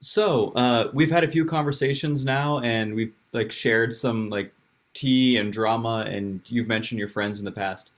So we've had a few conversations now, and we've like shared some like tea and drama, and you've mentioned your friends in the past.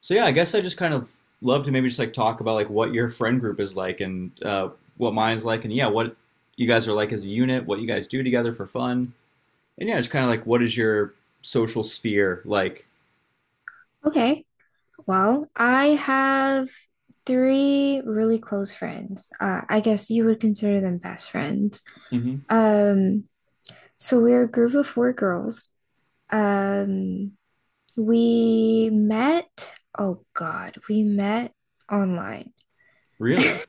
So yeah, I guess I just kind of love to maybe just like talk about like what your friend group is like and what mine's like, and yeah, what you guys are like as a unit, what you guys do together for fun, and yeah, just kind of like what is your social sphere like? Okay. Well, I have three really close friends. I guess you would consider them best friends. Hmm. Um, so we're a group of four girls. Um, we met, oh God, we met online. Really?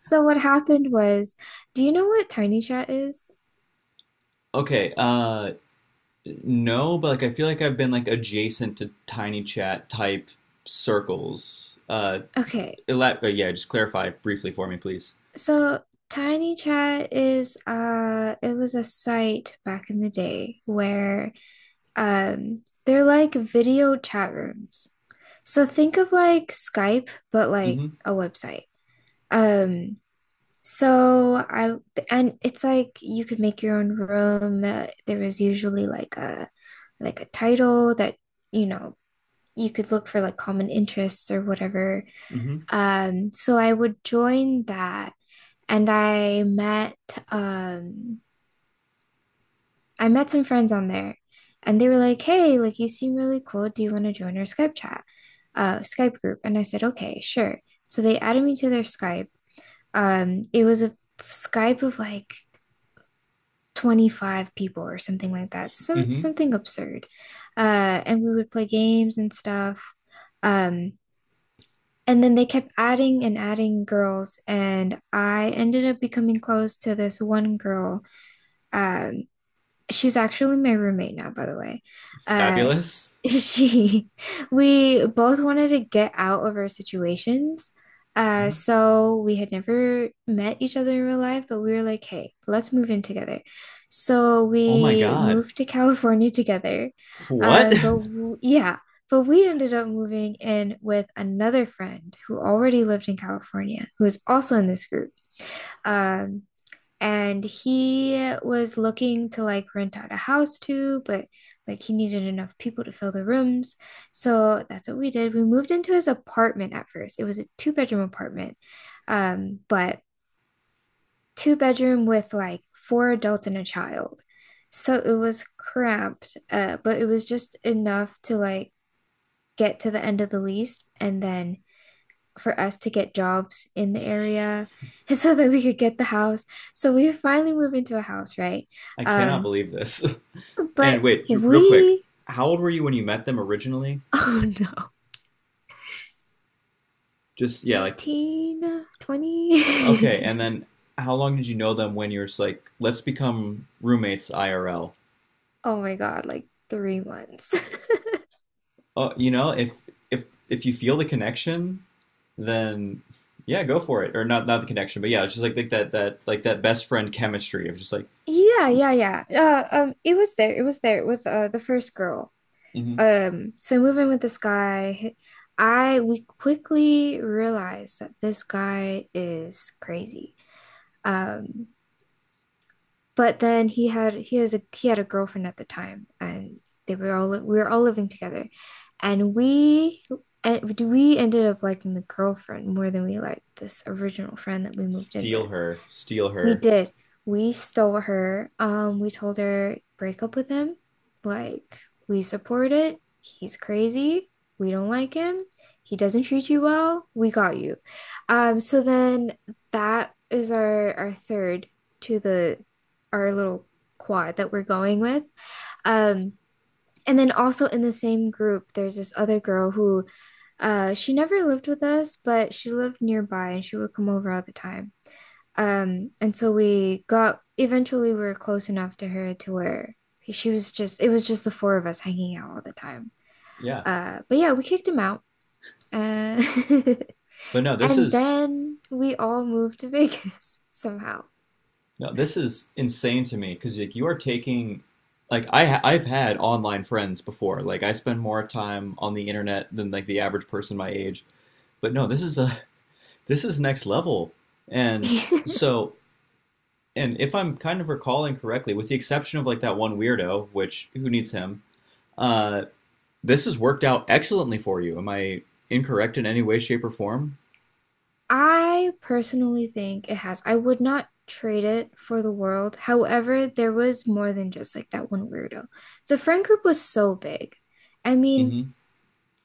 So what happened was, do you know what Tiny Chat is? Okay. No, but like I feel like I've been like adjacent to tiny chat type circles. Okay. Yeah, just clarify briefly for me, please. So Tiny Chat is it was a site back in the day where they're like video chat rooms. So think of like Skype, but like Mm-hmm. a website. Um, so I and it's like you could make your own room. There was usually like a title that you know you could look for like common interests or whatever. Mm-hmm. So I would join that and um I met some friends on there, and they were like, hey, like you seem really cool. Do you want to join our Skype chat, Skype group? And I said, okay, sure. So they added me to their Skype. It was a Skype of like 25 people or something like that, some Mm-hmm. something absurd. And we would play games and stuff. Um, and then they kept adding and adding girls, and I ended up becoming close to this one girl. Um, she's actually my roommate now, by the way. Uh, Fabulous. She, we both wanted to get out of our situations. Mhm. So we had never met each other in real life, but we were like, hey, let's move in together. So Oh my we God. moved to California together. What? But w yeah, but we ended up moving in with another friend who already lived in California, who was also in this group. Um, and he was looking to like rent out a house too, but like he needed enough people to fill the rooms. So that's what we did. We moved into his apartment at first. It was a two-bedroom apartment, but two-bedroom with like four adults and a child. So it was cramped, but it was just enough to like get to the end of the lease and then for us to get jobs in the area so that we could get the house. So we finally moved into a house, right? I cannot Um, believe this. And but wait, real quick. we, How old were you when you met them originally? oh no, Just, yeah, like, 19, 20. okay. And then how long did you know them when you were just like, let's become roommates IRL? Oh my God, like 3 months. You know, if you feel the connection, then yeah, go for it. Or not the connection, but yeah, it's just like that like that best friend chemistry of just like, Yeah, yeah, yeah. It was there. It was there with the first girl. mm-hmm. So moving with this guy, I we quickly realized that this guy is crazy. Um, But then he had a girlfriend at the time, and they were all we were all living together, and we ended up liking the girlfriend more than we liked this original friend that we moved in Steal with. her, steal We her. did. We stole her. We told her break up with him. Like, we support it. He's crazy. We don't like him. He doesn't treat you well. We got you. So then that is our third to the our little quad that we're going with. Um, and then also in the same group, there's this other girl who she never lived with us, but she lived nearby and she would come over all the time. And so we got eventually we were close enough to her to where she was just it was just the four of us hanging out all the time. Yeah. But yeah, we kicked him out. Uh, But no, this and is then we all moved to Vegas somehow. No, this is insane to me because like you are taking like I've had online friends before. Like I spend more time on the internet than like the average person my age. But no, this is next level. And so and if I'm kind of recalling correctly, with the exception of like that one weirdo, which who needs him, uh, this has worked out excellently for you. Am I incorrect in any way, shape, or form? I personally think it has. I would not trade it for the world. However, there was more than just like that one weirdo. The friend group was so big. I mean, Mm-hmm.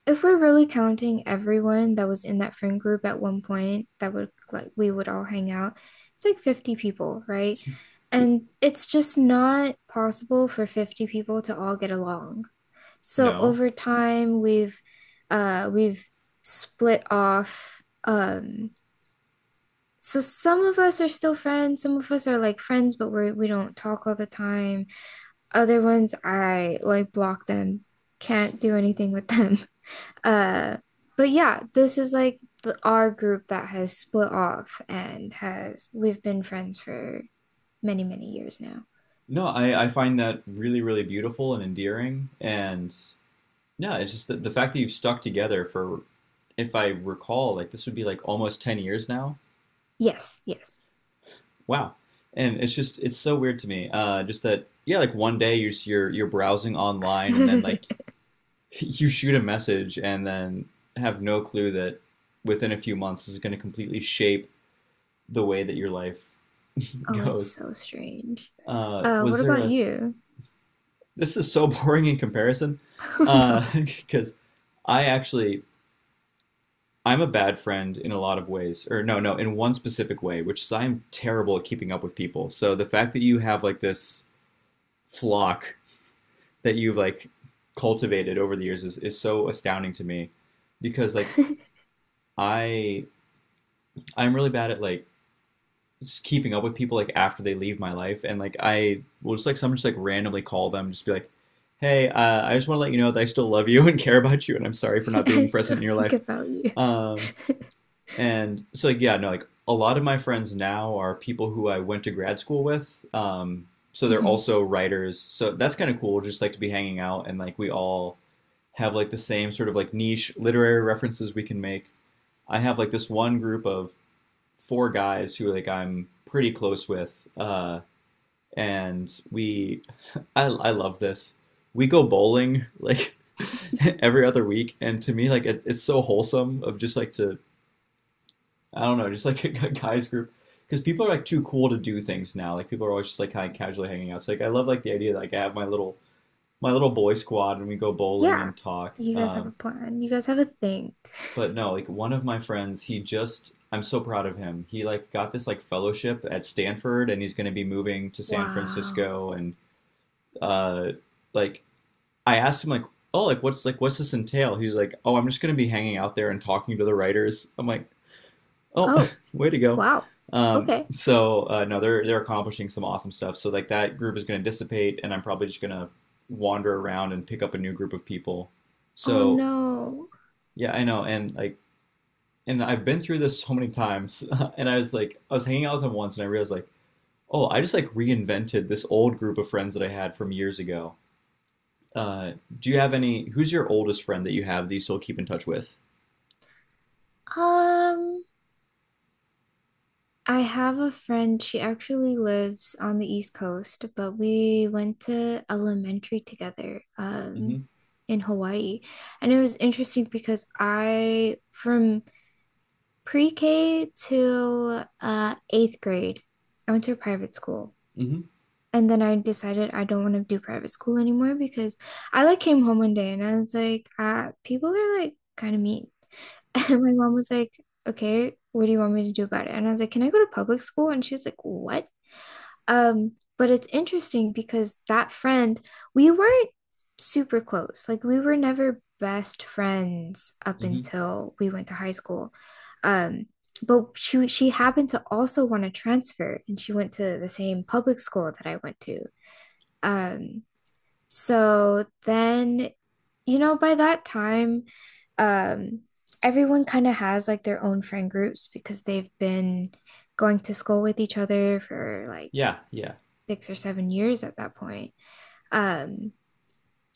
if we're really counting everyone that was in that friend group at one point, that would like we would all hang out, it's like 50 people, right? And it's just not possible for 50 people to all get along. So No. over time, we've split off, um so some of us are still friends, some of us are like friends, but we do not talk all the time. Other ones I like block them, can't do anything with them. Uh, but yeah, this is like our group that has split off and has we've been friends for many, many years now. No, I find that really, really beautiful and endearing. And no, it's just that the fact that you've stuck together for, if I recall, like this would be like almost 10 years now. Yes, yes. Wow. And it's just, it's so weird to me. Just that, yeah, like one day you're browsing online and then like you shoot a message and then have no clue that within a few months this is going to completely shape the way that your life Oh, it's goes. so strange. Uh, was What there about a, you? This is so boring in comparison, Oh no. because I actually I'm a bad friend in a lot of ways, or no, no, in one specific way, which is I'm terrible at keeping up with people. So the fact that you have like this flock that you've like cultivated over the years is so astounding to me because like I I'm really bad at like just keeping up with people like after they leave my life and like I will just like someone just like randomly call them just be like hey, I just want to let you know that I still love you and care about you and I'm sorry for not I being still present in your think life. about you. um and so like yeah no like a lot of my friends now are people who I went to grad school with, so they're Mhm. also writers so that's kind of cool just like to be hanging out and like we all have like the same sort of like niche literary references we can make. I have like this one group of four guys who like I'm pretty close with, and we I love this. We go bowling like every other week, and to me like it's so wholesome of just like to I don't know just like a guys group because people are like too cool to do things now. Like people are always just like kind of casually hanging out. So like I love like the idea that like I have my little boy squad and we go bowling Yeah, and talk. you guys have a plan. You guys have a thing. But no, like one of my friends, he just I'm so proud of him. He like got this like fellowship at Stanford and he's going to be moving to San Wow. Francisco and uh like I asked him like, "Oh, like what's this entail?" He's like, "Oh, I'm just going to be hanging out there and talking to the writers." I'm like, "Oh, Oh, way to go." wow. Okay. No, they're accomplishing some awesome stuff. So like that group is going to dissipate and I'm probably just going to wander around and pick up a new group of people. Oh So, no. yeah, I know and like and I've been through this so many times. And I was hanging out with them once, and I realized like, oh, I just like reinvented this old group of friends that I had from years ago. Uh, do you have any? Who's your oldest friend that you have that you still keep in touch with? Um, I have a friend, she actually lives on the East Coast, but we went to elementary together, Mm-hmm. in Hawaii. And it was interesting because I, from pre-K to eighth grade, I went to a private school. Mm-hmm. And then I decided I don't want to do private school anymore because I like came home one day and I was like, ah, people are like kind of mean. And my mom was like, okay, what do you want me to do about it? And I was like, can I go to public school? And she was like, what? Um, but it's interesting because that friend, we weren't super close. Like we were never best friends up Mm-hmm. until we went to high school. Um, but she happened to also want to transfer and she went to the same public school that I went to. Um, so then, by that time, um, everyone kind of has like their own friend groups because they've been going to school with each other for like Yeah. Yeah. 6 or 7 years at that point. Um,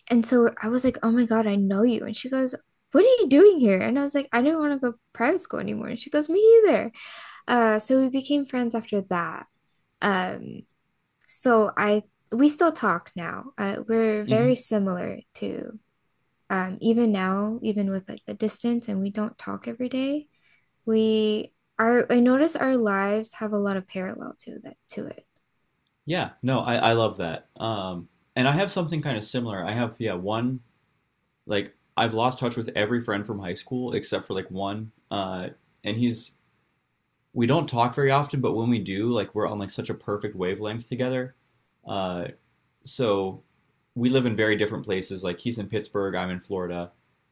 and so I was like, oh my God, I know you. And she goes, what are you doing here? And I was like, I didn't want to go private school anymore. And she goes, me either. So we became friends after that. Um, So I we still talk now. We're Mm-hmm. very similar to even now, even with like the distance, and we don't talk every day. We are. I notice our lives have a lot of parallel to that to it. Yeah, no, I love that. And I have something kind of similar. I have, yeah, one, like, I've lost touch with every friend from high school except for like one. And we don't talk very often, but when we do, like, we're on like such a perfect wavelength together. Uh, so we live in very different places. Like, he's in Pittsburgh, I'm in Florida.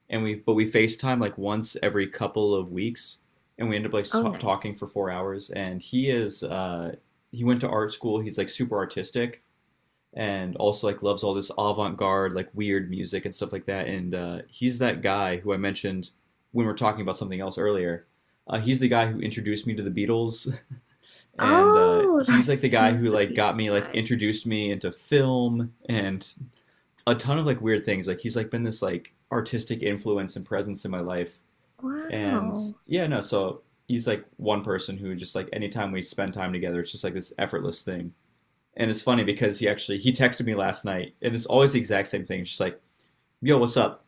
But we FaceTime like once every couple of weeks. And we end up like Oh, talking nice. for 4 hours. And he is, he went to art school. He's like super artistic and also like loves all this avant-garde like weird music and stuff like that, and he's that guy who I mentioned when we are talking about something else earlier. He's the guy who introduced me to the Beatles, and Oh, he's like that's the guy he's who the like got Beatles me like guy. introduced me into film and a ton of like weird things. Like he's like been this like artistic influence and presence in my life. And Wow. yeah no so he's like one person who just like anytime we spend time together it's just like this effortless thing. And it's funny because he texted me last night, and it's always the exact same thing. It's just like, "Yo, what's up?"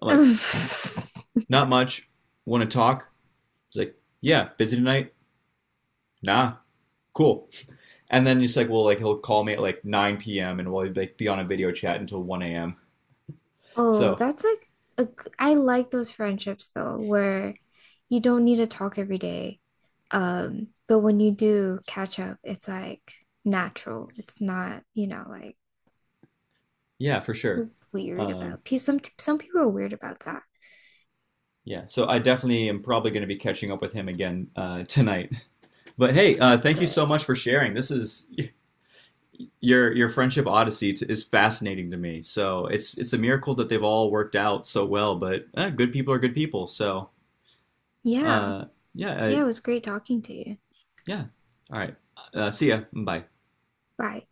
I'm like, "Not much. Want to talk?" He's like, "Yeah, busy tonight." Nah, cool. And then he's like, "Well, like he'll call me at like 9 p.m. and we'll like be on a video chat until 1 a.m." Oh, So that's like I like those friendships though, where you don't need to talk every day. But when you do catch up, it's like natural. It's not, like yeah, for sure. weird Um, about. Pe Some people are weird about that. yeah, so I definitely am probably going to be catching up with him again, tonight. But hey, Oh, thank you good. so much for sharing. This is your friendship odyssey is fascinating to me. So it's a miracle that they've all worked out so well. But eh, good people are good people. So Yeah. uh, yeah, uh, Yeah, it was great talking to you. yeah. All right. See ya. Bye. Bye.